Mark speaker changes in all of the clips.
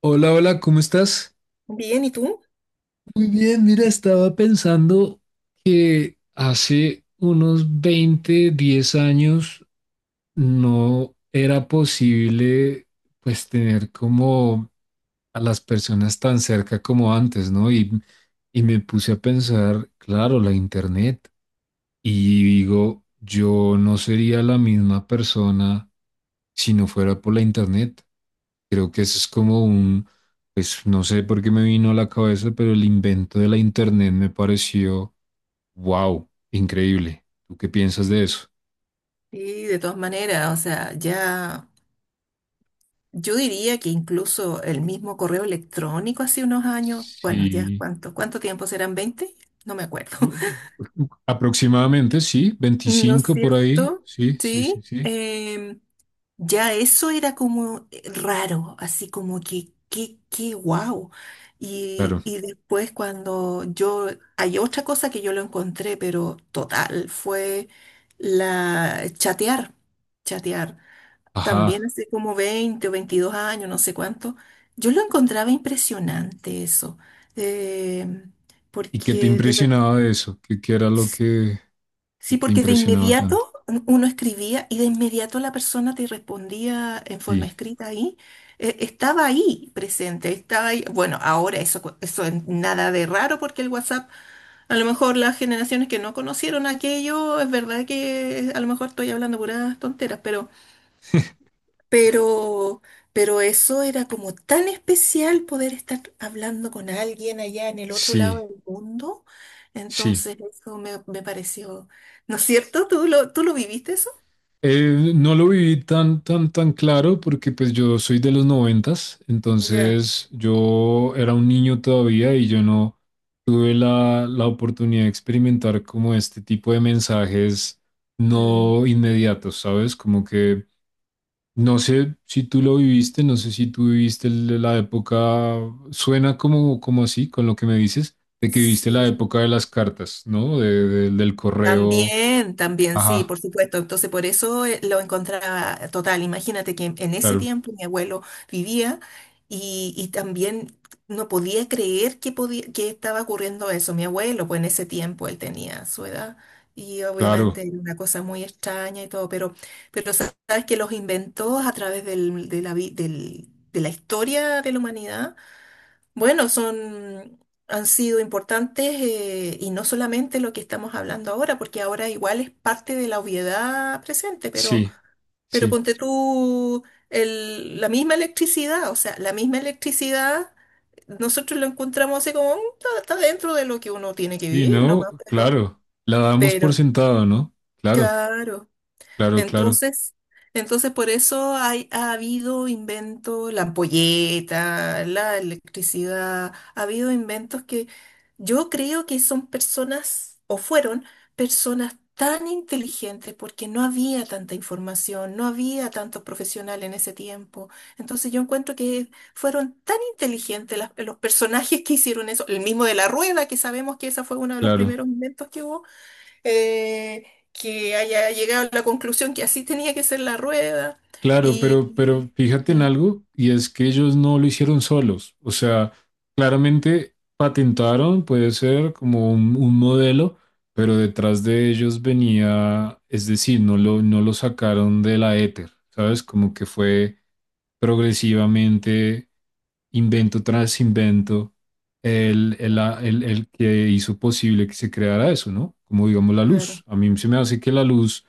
Speaker 1: Hola, hola, ¿cómo estás?
Speaker 2: Bien, ¿y tú?
Speaker 1: Muy bien, mira, estaba pensando que hace unos 20 10 años no era posible pues tener como a las personas tan cerca como antes, ¿no? Y me puse a pensar, claro, la internet. Y digo, yo no sería la misma persona si no fuera por la internet. Creo que eso es como un, pues no sé por qué me vino a la cabeza, pero el invento de la internet me pareció, wow, increíble. ¿Tú qué piensas de eso?
Speaker 2: Sí, de todas maneras, o sea, ya yo diría que incluso el mismo correo electrónico hace unos años, bueno, ya
Speaker 1: Sí.
Speaker 2: cuánto, ¿cuánto tiempo serán? Veinte. No me acuerdo.
Speaker 1: Aproximadamente, sí,
Speaker 2: ¿No es
Speaker 1: 25 por ahí.
Speaker 2: cierto?
Speaker 1: Sí, sí, sí,
Speaker 2: Sí.
Speaker 1: sí.
Speaker 2: Ya eso era como raro, así como que, qué, qué guau. Y,
Speaker 1: Claro.
Speaker 2: y después cuando yo, hay otra cosa que yo lo encontré, pero total, fue la chatear, chatear. También
Speaker 1: Ajá.
Speaker 2: hace como 20 o 22 años, no sé cuánto, yo lo encontraba impresionante eso. Eh,
Speaker 1: ¿Y qué te
Speaker 2: Porque de verdad,
Speaker 1: impresionaba de eso? ¿Qué, qué era lo que
Speaker 2: sí,
Speaker 1: te
Speaker 2: porque de
Speaker 1: impresionaba
Speaker 2: inmediato
Speaker 1: tanto?
Speaker 2: uno escribía y de inmediato la persona te respondía en forma
Speaker 1: Sí,
Speaker 2: escrita ahí. Estaba ahí presente, estaba ahí. Bueno, ahora eso, eso es nada de raro porque el WhatsApp, a lo mejor las generaciones que no conocieron aquello, es verdad que a lo mejor estoy hablando puras tonteras, Pero, pero eso era como tan especial poder estar hablando con alguien allá en el otro
Speaker 1: sí,
Speaker 2: lado del mundo.
Speaker 1: sí.
Speaker 2: Entonces eso me pareció, ¿no es cierto? ¿Tú tú lo viviste eso?
Speaker 1: No lo viví tan, tan, tan claro porque pues yo soy de los noventas,
Speaker 2: Ya.
Speaker 1: entonces yo era un niño todavía y yo no tuve la, la oportunidad de experimentar como este tipo de mensajes
Speaker 2: Mm,
Speaker 1: no inmediatos, ¿sabes? Como que no sé si tú lo viviste, no sé si tú viviste el- la época, suena como, como así con lo que me dices, de que viviste
Speaker 2: sí.
Speaker 1: la época de las cartas, ¿no? De- del correo,
Speaker 2: También, también, sí,
Speaker 1: ajá,
Speaker 2: por supuesto. Entonces, por eso lo encontraba total. Imagínate que en ese
Speaker 1: claro,
Speaker 2: tiempo mi abuelo vivía y también no podía creer que, podía, que estaba ocurriendo eso. Mi abuelo, pues en ese tiempo él tenía su edad y
Speaker 1: claro.
Speaker 2: obviamente era una cosa muy extraña y todo, pero sabes que los inventó a través de de la historia de la humanidad bueno, son, han sido importantes y no solamente lo que estamos hablando ahora, porque ahora igual es parte de la obviedad presente,
Speaker 1: Sí,
Speaker 2: pero
Speaker 1: sí,
Speaker 2: ponte tú la misma electricidad, o sea, la misma electricidad, nosotros lo encontramos así como, "Mm, está, está dentro de lo que uno tiene que
Speaker 1: y
Speaker 2: vivir
Speaker 1: no,
Speaker 2: nomás,
Speaker 1: claro, la damos por
Speaker 2: pero,
Speaker 1: sentado, ¿no? Claro,
Speaker 2: claro.
Speaker 1: claro, claro,
Speaker 2: Entonces, entonces por eso hay, ha habido inventos, la ampolleta, la electricidad, ha habido inventos que yo creo que son personas, o fueron personas tan inteligentes porque no había tanta información, no había tantos profesionales en ese tiempo. Entonces yo encuentro que fueron tan inteligentes los personajes que hicieron eso, el mismo de la rueda, que sabemos que esa fue uno de los
Speaker 1: claro.
Speaker 2: primeros inventos que hubo eh, que haya llegado a la conclusión que así tenía que ser la rueda.
Speaker 1: Claro,
Speaker 2: Y,
Speaker 1: pero fíjate
Speaker 2: y-
Speaker 1: en
Speaker 2: mm,
Speaker 1: algo, y es que ellos no lo hicieron solos. O sea, claramente patentaron, puede ser como un modelo, pero detrás de ellos venía, es decir, no lo, no lo sacaron de la éter, ¿sabes? Como que fue progresivamente invento tras invento el que hizo posible que se creara eso, ¿no? Como digamos la luz.
Speaker 2: claro.
Speaker 1: A mí se me hace que la luz,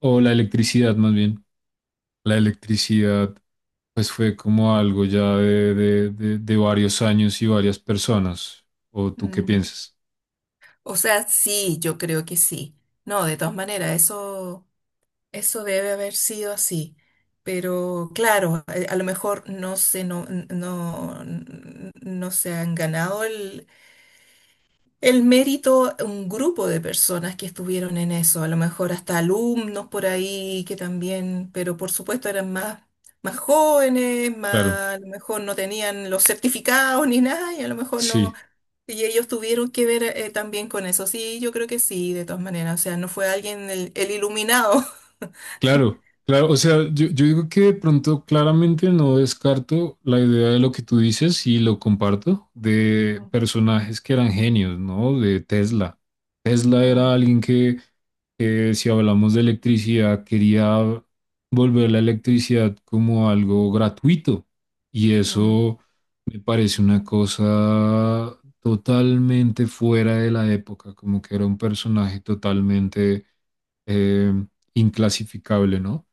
Speaker 1: o la electricidad más bien la electricidad, pues fue como algo ya de varios años y varias personas. ¿O tú qué
Speaker 2: Mm.
Speaker 1: piensas?
Speaker 2: O sea, sí, yo creo que sí. No, de todas maneras, eso debe haber sido así. Pero claro, a lo mejor no se, no, no, no se han ganado el mérito, a un grupo de personas que estuvieron en eso, a lo mejor hasta alumnos por ahí que también, pero por supuesto eran más, más jóvenes,
Speaker 1: Claro,
Speaker 2: más, a lo mejor no tenían los certificados ni nada, y a lo mejor no,
Speaker 1: sí,
Speaker 2: y ellos tuvieron que ver también con eso. Sí, yo creo que sí, de todas maneras, o sea, no fue alguien el iluminado.
Speaker 1: claro, claro. O sea, yo digo que de pronto claramente no descarto la idea de lo que tú dices y lo comparto, de
Speaker 2: Mm,
Speaker 1: personajes que eran genios, ¿no? De Tesla. Tesla
Speaker 2: mm,
Speaker 1: era alguien que si hablamos de electricidad, quería volver la electricidad como algo gratuito. Y
Speaker 2: mm.
Speaker 1: eso me parece una cosa totalmente fuera de la época, como que era un personaje totalmente eh, inclasificable, ¿no?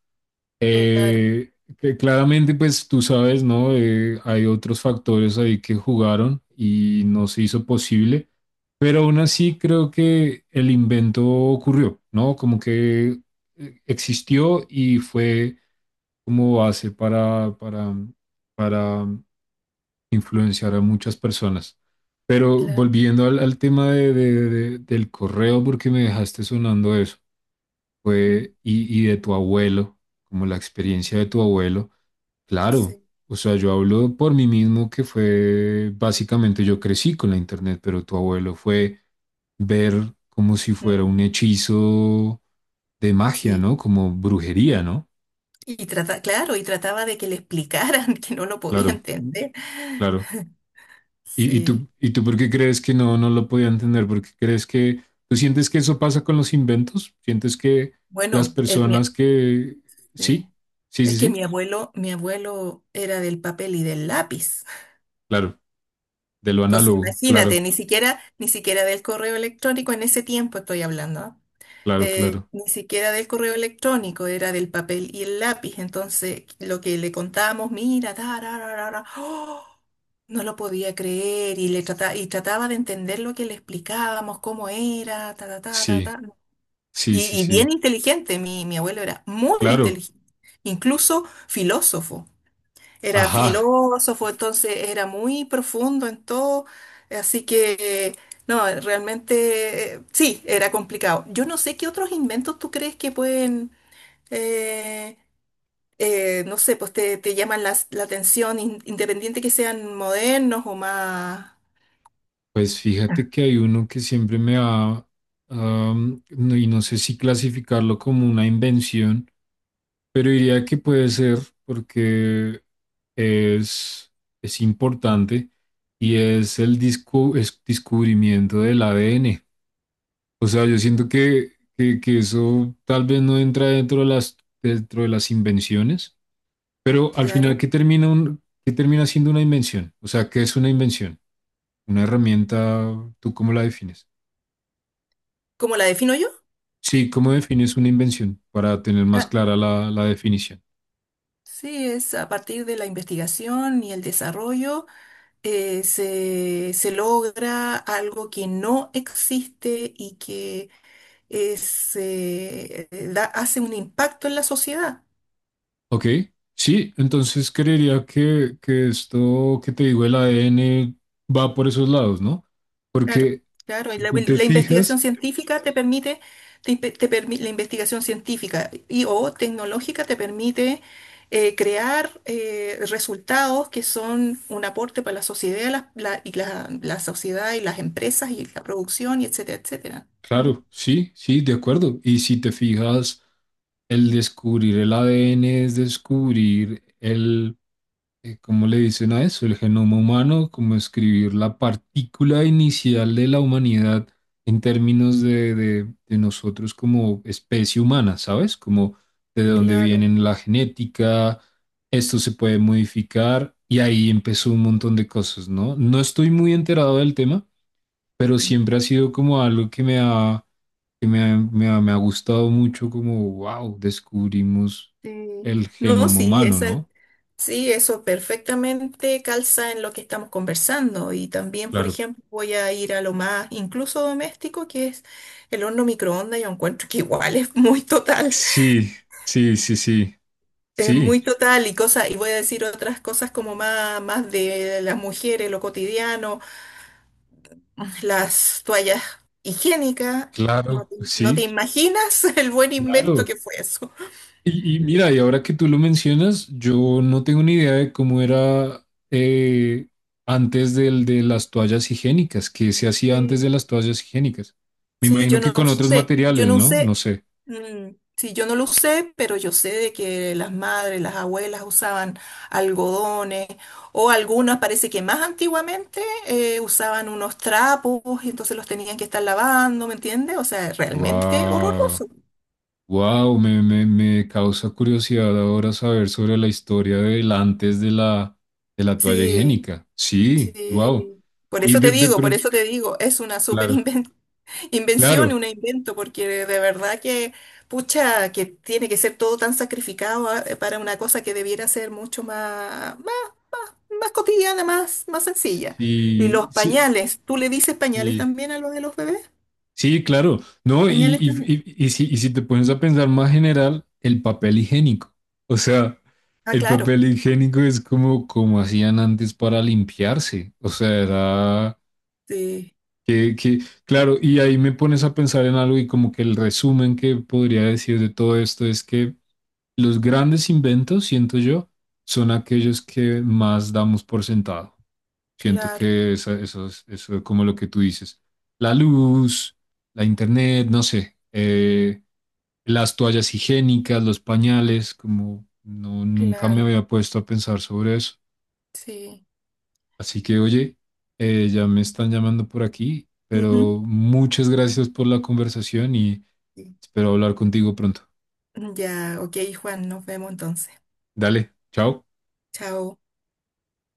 Speaker 2: Claro,
Speaker 1: Eh, que claramente, pues tú sabes, ¿no? Hay otros factores ahí que jugaron y no se hizo posible. Pero aún así creo que el invento ocurrió, ¿no? Como que existió y fue como base para influenciar a muchas personas. Pero
Speaker 2: claro.
Speaker 1: volviendo al, al tema de- del correo, porque me dejaste sonando eso,
Speaker 2: Mm,
Speaker 1: fue, y de tu abuelo, como la
Speaker 2: mm.
Speaker 1: experiencia de tu abuelo, claro.
Speaker 2: Sí.
Speaker 1: O sea, yo hablo por mí mismo que fue, básicamente yo crecí con la internet, pero tu abuelo fue ver como si fuera un
Speaker 2: Mm,
Speaker 1: hechizo de magia,
Speaker 2: sí.
Speaker 1: ¿no? Como brujería, ¿no?
Speaker 2: Y trata, claro, y trataba de que le explicaran que no lo podía
Speaker 1: Claro,
Speaker 2: entender.
Speaker 1: claro. ¿Y, y tú,
Speaker 2: Sí.
Speaker 1: y tú por qué crees que no, no lo podía entender? ¿Por qué crees que tú sientes que eso pasa con los inventos? ¿Sientes que las
Speaker 2: Bueno,
Speaker 1: personas que... Sí,
Speaker 2: eh,
Speaker 1: sí, sí,
Speaker 2: es que
Speaker 1: sí,
Speaker 2: mi abuelo era del papel y del lápiz.
Speaker 1: claro, de lo
Speaker 2: Entonces,
Speaker 1: análogo,
Speaker 2: imagínate,
Speaker 1: claro,
Speaker 2: ni siquiera, ni siquiera del correo electrónico en ese tiempo estoy hablando, ¿ah?
Speaker 1: claro, claro.
Speaker 2: Ni siquiera del correo electrónico, era del papel y el lápiz. Entonces, lo que le contábamos, mira, ta, ra, ra, ra, ra, ¡oh! No lo podía creer y le trataba, y trataba de entender lo que le explicábamos, cómo era, ta, ta, ta, ta,
Speaker 1: Sí,
Speaker 2: ta.
Speaker 1: sí, sí,
Speaker 2: Y bien
Speaker 1: sí,
Speaker 2: inteligente, mi abuelo era muy
Speaker 1: claro.
Speaker 2: inteligente, incluso filósofo. Era
Speaker 1: Ajá.
Speaker 2: filósofo, entonces era muy profundo en todo, así que, no, realmente, sí, era complicado. Yo no sé qué otros inventos tú crees que pueden, eh, no sé, pues te llaman la atención, independiente que sean modernos o más...
Speaker 1: Pues fíjate que hay uno que siempre me ha... no- y no sé si clasificarlo como una invención, pero diría que puede ser porque es, es importante y es el disco, es descubrimiento del ADN. O sea, yo siento que eso tal vez no entra dentro de las invenciones, pero al final, ¿qué
Speaker 2: Claro.
Speaker 1: termina, un, qué termina siendo una invención? O sea, ¿qué es una invención? Una herramienta, ¿tú cómo la defines?
Speaker 2: ¿Cómo la defino yo?
Speaker 1: Sí, ¿cómo defines una invención para tener más
Speaker 2: Ah,
Speaker 1: clara la, la definición?
Speaker 2: sí, es a partir de la investigación y el desarrollo se logra algo que no existe y que es, hace un impacto en la sociedad.
Speaker 1: Ok, sí, entonces creería que esto que te digo, el ADN va por esos lados, ¿no?
Speaker 2: Claro,
Speaker 1: Porque
Speaker 2: claro. Y
Speaker 1: si tú te
Speaker 2: la investigación
Speaker 1: fijas,
Speaker 2: científica te permite, te, impe- te permi- la investigación científica y o tecnológica te permite crear resultados que son un aporte para la sociedad, y la sociedad y las empresas y la producción, y etcétera, etcétera. ¿Entiendes?
Speaker 1: claro, sí, sí, de acuerdo. Y si te fijas, el descubrir el ADN es descubrir el, ¿cómo le dicen a eso? El genoma humano, como escribir la partícula inicial de la humanidad en términos de nosotros como especie humana, ¿sabes? Como de dónde
Speaker 2: Claro.
Speaker 1: vienen la genética, esto se puede modificar y ahí empezó un montón de cosas, ¿no? No estoy muy enterado del tema, pero siempre ha sido como algo que me ha, que me ha gustado mucho, como, wow, descubrimos
Speaker 2: Sí.
Speaker 1: el
Speaker 2: No,
Speaker 1: genoma
Speaker 2: sí,
Speaker 1: humano,
Speaker 2: esa,
Speaker 1: ¿no?
Speaker 2: sí, eso perfectamente calza en lo que estamos conversando. Y también, por
Speaker 1: Claro.
Speaker 2: ejemplo, voy a ir a lo más incluso doméstico, que es el horno microondas. Yo encuentro que igual
Speaker 1: Sí, sí, sí, sí,
Speaker 2: es muy
Speaker 1: sí,
Speaker 2: total y cosas, y voy a decir otras cosas como más, más de las mujeres, lo cotidiano, las toallas higiénicas. No
Speaker 1: claro,
Speaker 2: no te
Speaker 1: sí,
Speaker 2: imaginas el buen invento
Speaker 1: claro.
Speaker 2: que fue eso.
Speaker 1: Y mira, y ahora que tú lo mencionas, yo no tengo ni idea de cómo era antes del de las toallas higiénicas, qué se hacía antes de
Speaker 2: Sí.
Speaker 1: las toallas higiénicas. Me
Speaker 2: Sí,
Speaker 1: imagino que con otros
Speaker 2: yo
Speaker 1: materiales,
Speaker 2: no
Speaker 1: ¿no? No
Speaker 2: usé,
Speaker 1: sé.
Speaker 2: mm, sí, yo no lo usé, pero yo sé de que las madres, las abuelas usaban algodones o algunas, parece que más antiguamente usaban unos trapos y entonces los tenían que estar lavando, ¿me entiendes? O sea, realmente
Speaker 1: Wow,
Speaker 2: horroroso.
Speaker 1: wow, me causa curiosidad ahora saber sobre la historia del antes de la toalla
Speaker 2: Sí,
Speaker 1: higiénica. Sí, wow.
Speaker 2: sí. Por
Speaker 1: Y
Speaker 2: eso te
Speaker 1: de
Speaker 2: digo, por
Speaker 1: pronto,
Speaker 2: eso te digo, es una súper
Speaker 1: claro.
Speaker 2: invención. Invención, y
Speaker 1: Claro,
Speaker 2: un invento, porque de verdad que, pucha, que tiene que ser todo tan sacrificado ah, para una cosa que debiera ser mucho más, más, más cotidiana, más, más sencilla. Y los
Speaker 1: sí, sí,
Speaker 2: pañales, ¿tú le dices pañales
Speaker 1: sí,
Speaker 2: también a los de los bebés?
Speaker 1: sí, claro, ¿no? Y,
Speaker 2: Pañales también.
Speaker 1: y- y- y si, y si te pones a pensar más general, el papel higiénico, o sea,
Speaker 2: Ah,
Speaker 1: el
Speaker 2: claro.
Speaker 1: papel higiénico es como, como hacían antes para limpiarse, o sea, era
Speaker 2: Sí,
Speaker 1: que, claro, y ahí me pones a pensar en algo y como que el resumen que podría decir de todo esto es que los grandes inventos, siento yo, son aquellos que más damos por sentado. Siento
Speaker 2: claro,
Speaker 1: que esa- eso es como lo que tú dices. La luz, la internet, no sé, las toallas higiénicas, los pañales, como no, nunca me
Speaker 2: claro,
Speaker 1: había puesto a pensar sobre eso.
Speaker 2: sí.
Speaker 1: Así que, oye, ya me están llamando por aquí,
Speaker 2: Ujú.
Speaker 1: pero muchas gracias por la conversación y
Speaker 2: Sí.
Speaker 1: espero hablar contigo pronto.
Speaker 2: Ya, ok, Juan, nos vemos entonces.
Speaker 1: Dale, chao.
Speaker 2: Chao.